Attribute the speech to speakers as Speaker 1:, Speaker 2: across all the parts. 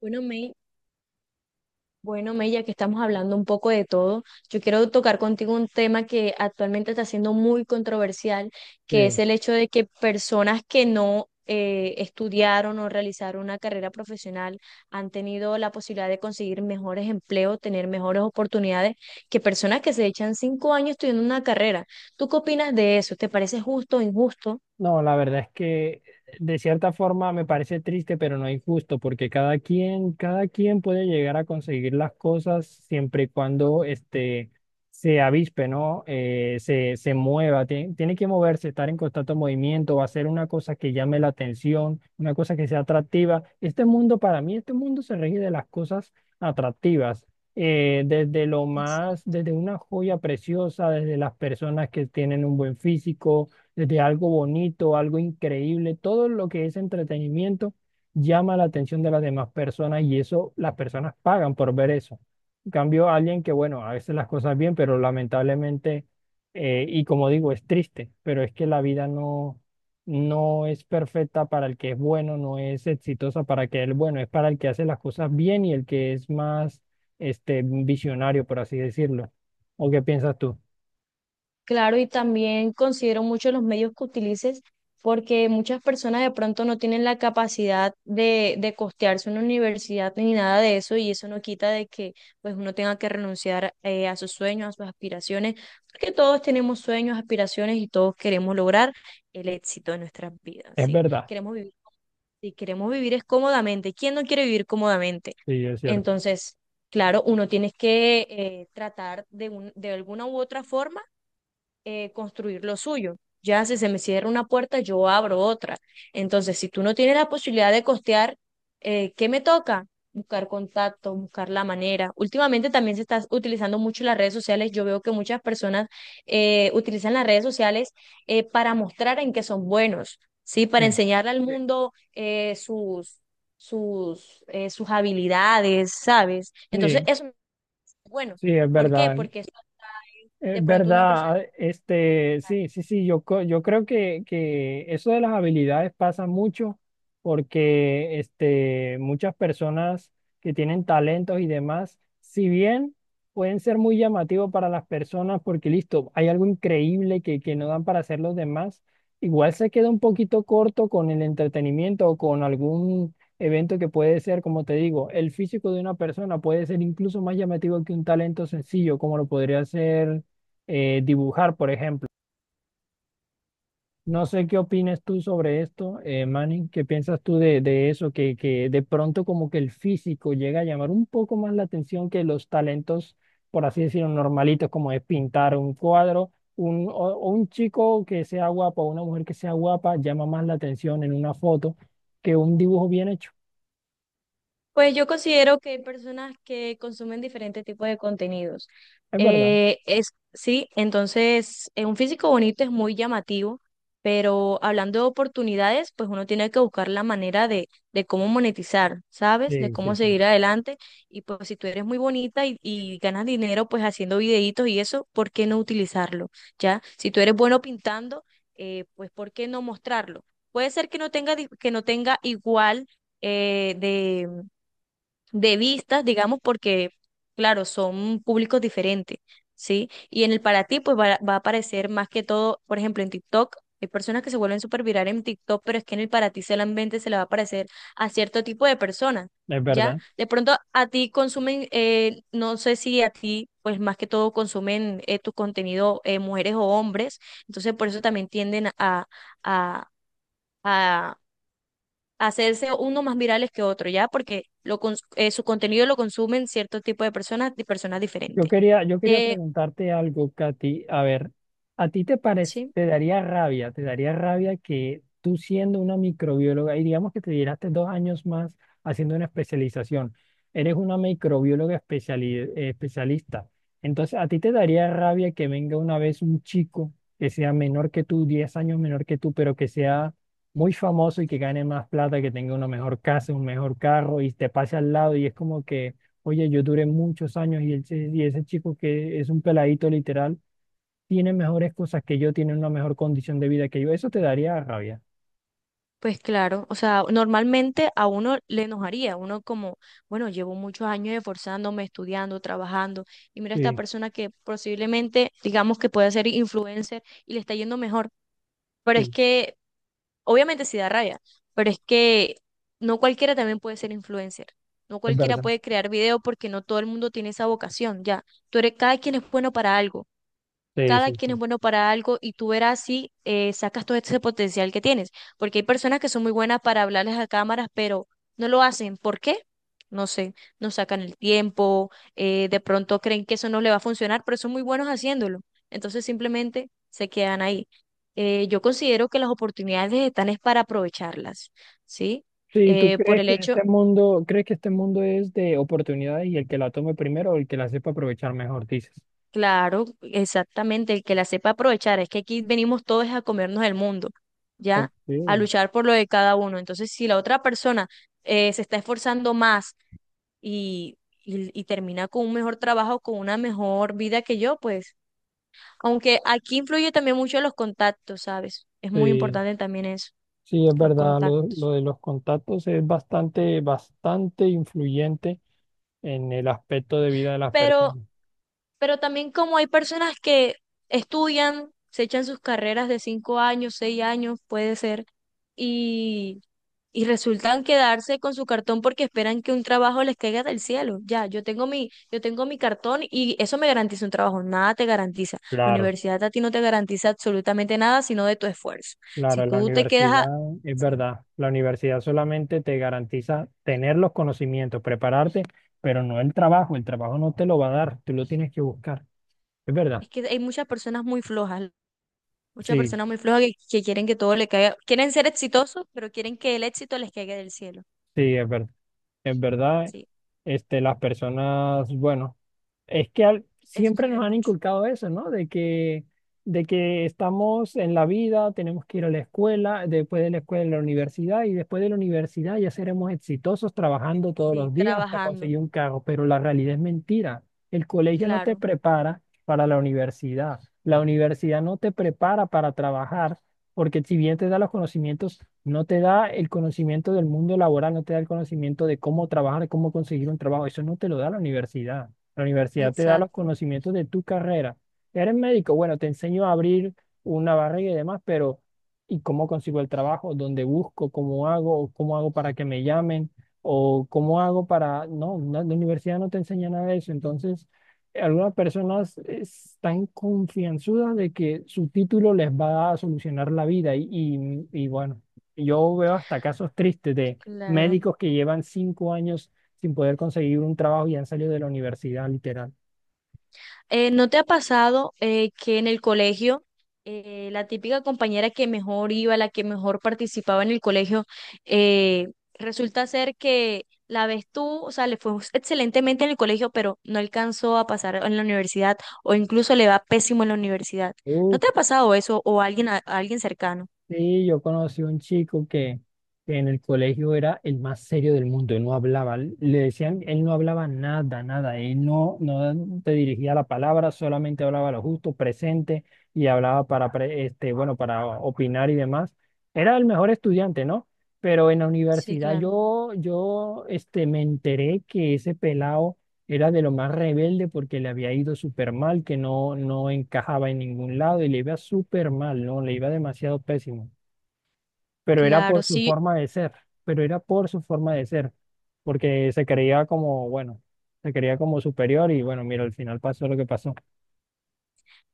Speaker 1: Bueno, May, ya que estamos hablando un poco de todo, yo quiero tocar contigo un tema que actualmente está siendo muy controversial, que es
Speaker 2: Sí,
Speaker 1: el hecho de que personas que no estudiaron o realizaron una carrera profesional han tenido la posibilidad de conseguir mejores empleos, tener mejores oportunidades que personas que se echan cinco años estudiando una carrera. ¿Tú qué opinas de eso? ¿Te parece justo o injusto?
Speaker 2: no, la verdad es que de cierta forma me parece triste, pero no injusto, porque cada quien puede llegar a conseguir las cosas siempre y cuando se avispe, ¿no? Se mueva, tiene que moverse, estar en constante movimiento, hacer una cosa que llame la atención, una cosa que sea atractiva. Este mundo, para mí, este mundo se rige de las cosas atractivas, desde lo más, desde una joya preciosa, desde las personas que tienen un buen físico, desde algo bonito, algo increíble, todo lo que es entretenimiento llama la atención de las demás personas y eso las personas pagan por ver eso. En cambio, alguien que, bueno, a veces las cosas bien, pero lamentablemente, y como digo, es triste, pero es que la vida no, no es perfecta para el que es bueno, no es exitosa para que el bueno, es para el que hace las cosas bien y el que es más, visionario, por así decirlo. ¿O qué piensas tú?
Speaker 1: Claro, y también considero mucho los medios que utilices porque muchas personas de pronto no tienen la capacidad de costearse una universidad ni nada de eso y eso no quita de que pues uno tenga que renunciar a sus sueños, a sus aspiraciones, porque todos tenemos sueños, aspiraciones y todos queremos lograr el éxito de nuestras vidas,
Speaker 2: Es
Speaker 1: ¿sí?
Speaker 2: verdad.
Speaker 1: Queremos vivir, si queremos vivir es cómodamente. ¿Quién no quiere vivir cómodamente?
Speaker 2: Sí, es cierto.
Speaker 1: Entonces, claro, uno tiene que tratar de alguna u otra forma construir lo suyo. Ya si se me cierra una puerta, yo abro otra. Entonces, si tú no tienes la posibilidad de costear, ¿qué me toca? Buscar contacto, buscar la manera. Últimamente también se está utilizando mucho las redes sociales. Yo veo que muchas personas utilizan las redes sociales para mostrar en qué son buenos, ¿sí? Para
Speaker 2: Sí.
Speaker 1: enseñarle al mundo sus habilidades, ¿sabes? Entonces,
Speaker 2: Sí.
Speaker 1: eso no es bueno.
Speaker 2: Sí, es
Speaker 1: ¿Por qué?
Speaker 2: verdad.
Speaker 1: Porque eso de pronto una persona.
Speaker 2: Sí, sí, sí, yo creo que eso de las habilidades pasa mucho porque muchas personas que tienen talentos y demás, si bien pueden ser muy llamativos para las personas porque listo, hay algo increíble que no dan para hacer los demás, igual se queda un poquito corto con el entretenimiento o con algún evento que puede ser, como te digo, el físico de una persona puede ser incluso más llamativo que un talento sencillo, como lo podría ser dibujar, por ejemplo. No sé qué opinas tú sobre esto, Manny. ¿Qué piensas tú de eso? Que de pronto como que el físico llega a llamar un poco más la atención que los talentos, por así decirlo, normalitos, como es pintar un cuadro. O un chico que sea guapo o una mujer que sea guapa llama más la atención en una foto que un dibujo bien hecho.
Speaker 1: Pues yo considero que hay personas que consumen diferentes tipos de contenidos.
Speaker 2: Es verdad.
Speaker 1: Sí, entonces un físico bonito es muy llamativo, pero hablando de oportunidades, pues uno tiene que buscar la manera de cómo monetizar, ¿sabes? De
Speaker 2: Sí, sí,
Speaker 1: cómo
Speaker 2: sí.
Speaker 1: seguir adelante. Y pues si tú eres muy bonita y ganas dinero, pues haciendo videitos y eso, ¿por qué no utilizarlo? ¿Ya? Si tú eres bueno pintando, pues ¿por qué no mostrarlo? Puede ser que no tenga, que no tenga igual eh, de de vistas, digamos, porque, claro, son públicos diferentes, ¿sí? Y en el para ti, pues va a aparecer más que todo, por ejemplo, en TikTok. Hay personas que se vuelven súper virales en TikTok, pero es que en el para ti solamente se le va a aparecer a cierto tipo de personas,
Speaker 2: Es
Speaker 1: ¿ya?
Speaker 2: verdad.
Speaker 1: De pronto a ti consumen, no sé si a ti, pues más que todo consumen tu contenido mujeres o hombres, entonces por eso también tienden a, a hacerse uno más virales que otro, ¿ya? Porque su contenido lo consumen cierto tipo de personas y personas diferentes.
Speaker 2: Yo quería
Speaker 1: Eh,
Speaker 2: preguntarte algo, Katy. A ver, ¿a ti te parece,
Speaker 1: sí,
Speaker 2: te daría rabia que tú siendo una microbióloga, y digamos que te diraste dos años más haciendo una especialización, eres una microbióloga especialista. Entonces, ¿a ti te daría rabia que venga una vez un chico que sea menor que tú, 10 años menor que tú, pero que sea muy famoso y que gane más plata, que tenga una mejor casa, un mejor carro y te pase al lado y es como que...? Oye, yo duré muchos años y, y ese chico que es un peladito literal tiene mejores cosas que yo, tiene una mejor condición de vida que yo. Eso te daría rabia.
Speaker 1: pues claro, o sea, normalmente a uno le enojaría, uno como, bueno, llevo muchos años esforzándome, estudiando, trabajando, y mira esta
Speaker 2: Sí,
Speaker 1: persona que posiblemente, digamos que puede ser influencer y le está yendo mejor, pero es
Speaker 2: sí,
Speaker 1: que obviamente sí da rabia, pero es que no cualquiera también puede ser influencer. No
Speaker 2: es
Speaker 1: cualquiera
Speaker 2: verdad.
Speaker 1: puede crear video porque no todo el mundo tiene esa vocación, ya. Tú eres, cada quien es bueno para algo,
Speaker 2: Sí,
Speaker 1: cada
Speaker 2: sí,
Speaker 1: quien es
Speaker 2: sí.
Speaker 1: bueno para algo y tú verás si sacas todo ese potencial que tienes. Porque hay personas que son muy buenas para hablarles a cámaras, pero no lo hacen. ¿Por qué? No sé, no sacan el tiempo, de pronto creen que eso no le va a funcionar, pero son muy buenos haciéndolo. Entonces simplemente se quedan ahí. Yo considero que las oportunidades están es para aprovecharlas, ¿sí?
Speaker 2: Sí, ¿tú
Speaker 1: Por
Speaker 2: crees
Speaker 1: el
Speaker 2: que
Speaker 1: hecho
Speaker 2: crees que este mundo es de oportunidades y el que la tome primero o el que la sepa aprovechar mejor, dices?
Speaker 1: Claro, exactamente, el que la sepa aprovechar, es que aquí venimos todos a comernos el mundo,
Speaker 2: Ok,
Speaker 1: ¿ya? A
Speaker 2: sí,
Speaker 1: luchar por lo de cada uno. Entonces, si la otra persona se está esforzando más y, y termina con un mejor trabajo, con una mejor vida que yo, pues, aunque aquí influye también mucho los contactos, ¿sabes? Es muy importante también eso,
Speaker 2: sí, es
Speaker 1: los
Speaker 2: verdad.
Speaker 1: contactos.
Speaker 2: Lo de los contactos es bastante influyente en el aspecto de vida de las
Speaker 1: Pero
Speaker 2: personas.
Speaker 1: Pero también como hay personas que estudian, se echan sus carreras de cinco años, seis años, puede ser, y, y resultan quedarse con su cartón porque esperan que un trabajo les caiga del cielo. Ya, yo tengo mi cartón y eso me garantiza un trabajo. Nada te garantiza. La
Speaker 2: Claro.
Speaker 1: universidad a ti no te garantiza absolutamente nada, sino de tu esfuerzo. Si
Speaker 2: Claro, la
Speaker 1: tú te quedas
Speaker 2: universidad
Speaker 1: a...
Speaker 2: es
Speaker 1: Sí,
Speaker 2: verdad. La universidad solamente te garantiza tener los conocimientos, prepararte, pero no el trabajo. El trabajo no te lo va a dar, tú lo tienes que buscar. Es verdad.
Speaker 1: es que hay muchas personas muy flojas. Muchas
Speaker 2: Sí,
Speaker 1: personas muy flojas que quieren que todo le caiga, quieren ser exitosos, pero quieren que el éxito les caiga del cielo.
Speaker 2: sí, es verdad. En verdad,
Speaker 1: Sí,
Speaker 2: las personas, bueno, es que
Speaker 1: eso
Speaker 2: siempre
Speaker 1: se ve
Speaker 2: nos han
Speaker 1: mucho.
Speaker 2: inculcado eso, ¿no? De que estamos en la vida, tenemos que ir a la escuela, después de la escuela a la universidad y después de la universidad ya seremos exitosos trabajando todos los
Speaker 1: Sí,
Speaker 2: días hasta
Speaker 1: trabajando,
Speaker 2: conseguir un cargo, pero la realidad es mentira. El colegio no te
Speaker 1: claro,
Speaker 2: prepara para la universidad no te prepara para trabajar porque si bien te da los conocimientos, no te da el conocimiento del mundo laboral, no te da el conocimiento de cómo trabajar, cómo conseguir un trabajo. Eso no te lo da la universidad. La universidad te da los
Speaker 1: exacto,
Speaker 2: conocimientos de tu carrera. Eres médico, bueno, te enseño a abrir una barriga y demás, pero ¿y cómo consigo el trabajo? ¿Dónde busco? ¿Cómo hago? ¿O ¿cómo hago para que me llamen? ¿O cómo hago para...? No, no, la universidad no te enseña nada de eso. Entonces algunas personas están confianzudas de que su título les va a solucionar la vida y, y bueno, yo veo hasta casos tristes de
Speaker 1: claro.
Speaker 2: médicos que llevan 5 años sin poder conseguir un trabajo y han salido de la universidad, literal.
Speaker 1: ¿No te ha pasado que en el colegio la típica compañera que mejor iba, la que mejor participaba en el colegio, eh, resulta ser que la ves tú, o sea, le fue excelentemente en el colegio, pero no alcanzó a pasar en la universidad o incluso le va pésimo en la universidad? ¿No te ha pasado eso o a alguien, a alguien cercano?
Speaker 2: Sí, yo conocí un chico que en el colegio era el más serio del mundo, él no hablaba, le decían, él no hablaba nada, nada, él no, no te dirigía la palabra, solamente hablaba lo justo, presente, y hablaba para, bueno, para opinar y demás. Era el mejor estudiante, ¿no? Pero en la
Speaker 1: Sí,
Speaker 2: universidad
Speaker 1: claro.
Speaker 2: me enteré que ese pelado era de lo más rebelde porque le había ido súper mal, que no encajaba en ningún lado y le iba súper mal, ¿no? Le iba demasiado pésimo. Pero era
Speaker 1: Claro,
Speaker 2: por su
Speaker 1: sí,
Speaker 2: forma de ser, pero era por su forma de ser, porque se creía como, bueno, se creía como superior y bueno, mira, al final pasó lo que pasó.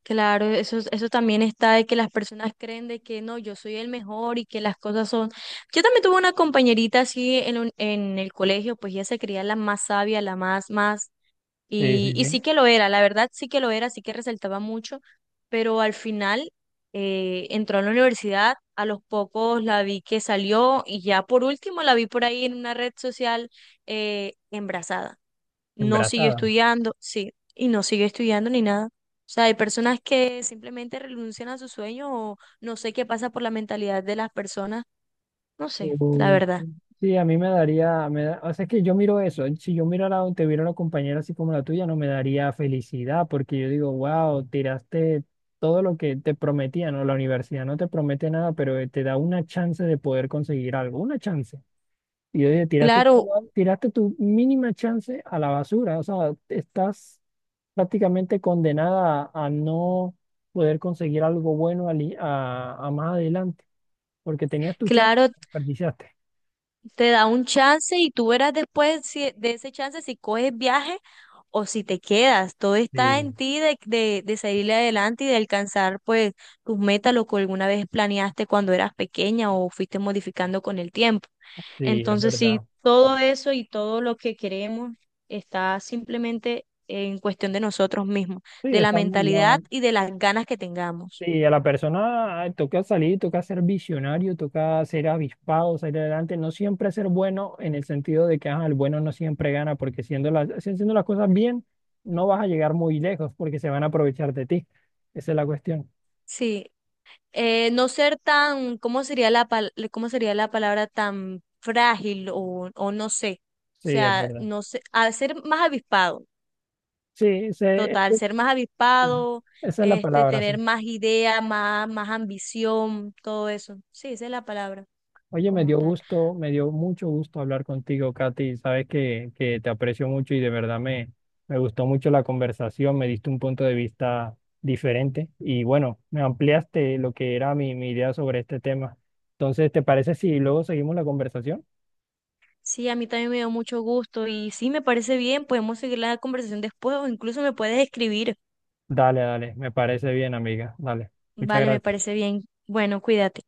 Speaker 1: claro, eso, eso también está de que las personas creen de que no, yo soy el mejor y que las cosas son... Yo también tuve una compañerita así en, en el colegio, pues ella se creía la más sabia, más,
Speaker 2: Sí, sí,
Speaker 1: y
Speaker 2: sí,
Speaker 1: sí que lo era, la verdad sí que lo era, sí que resaltaba mucho, pero al final entró a la universidad, a los pocos la vi que salió y ya por último la vi por ahí en una red social embarazada, no siguió
Speaker 2: embarazada.
Speaker 1: estudiando, sí, y no siguió estudiando ni nada. O sea, hay personas que simplemente renuncian a su sueño o no sé qué pasa por la mentalidad de las personas, no sé, la
Speaker 2: O-
Speaker 1: verdad.
Speaker 2: Sí, a mí me daría, o sea, es que yo miro eso, ¿eh? Si yo mirara o te viera una compañera así como la tuya, no me daría felicidad, porque yo digo, wow, tiraste todo lo que te prometía, ¿no? La universidad no te promete nada, pero te da una chance de poder conseguir algo, una chance. Y yo dije, tiraste,
Speaker 1: Claro,
Speaker 2: tiraste tu mínima chance a la basura, o sea, estás prácticamente condenada a no poder conseguir algo bueno a más adelante, porque tenías tu chance,
Speaker 1: claro,
Speaker 2: la desperdiciaste.
Speaker 1: te da un chance y tú verás después de ese chance si coges viaje o si te quedas. Todo está en ti de salir adelante y de alcanzar pues tus metas, lo que alguna vez planeaste cuando eras pequeña o fuiste modificando con el tiempo.
Speaker 2: Sí, es
Speaker 1: Entonces, sí,
Speaker 2: verdad.
Speaker 1: todo eso y todo lo que queremos está simplemente en cuestión de nosotros mismos,
Speaker 2: Sí,
Speaker 1: de la
Speaker 2: está muy
Speaker 1: mentalidad
Speaker 2: mal.
Speaker 1: y de las ganas que tengamos.
Speaker 2: Sí, a la persona ay, toca salir, toca ser visionario, toca ser avispado, salir adelante, no siempre ser bueno en el sentido de que ajá, el bueno no siempre gana, porque siendo las, si- haciendo las cosas bien, no vas a llegar muy lejos porque se van a aprovechar de ti. Esa es la cuestión.
Speaker 1: Sí, no ser tan, ¿cómo sería cómo sería la palabra, tan frágil o no sé? O
Speaker 2: Sí, es
Speaker 1: sea,
Speaker 2: verdad.
Speaker 1: no sé, a ser más avispado,
Speaker 2: Sí, se-
Speaker 1: total, ser más avispado,
Speaker 2: esa es la
Speaker 1: este,
Speaker 2: palabra, sí.
Speaker 1: tener más idea, más ambición, todo eso. Sí, esa es la palabra
Speaker 2: Oye, me
Speaker 1: como
Speaker 2: dio
Speaker 1: tal.
Speaker 2: gusto, me dio mucho gusto hablar contigo, Katy. Sabes que te aprecio mucho y de verdad me gustó mucho la conversación, me diste un punto de vista diferente y bueno, me ampliaste lo que era mi idea sobre este tema. Entonces, ¿te parece si luego seguimos la conversación?
Speaker 1: Sí, a mí también me dio mucho gusto y sí, me parece bien, podemos seguir la conversación después o incluso me puedes escribir.
Speaker 2: Dale, me parece bien, amiga. Dale, muchas
Speaker 1: Vale, me
Speaker 2: gracias.
Speaker 1: parece bien. Bueno, cuídate.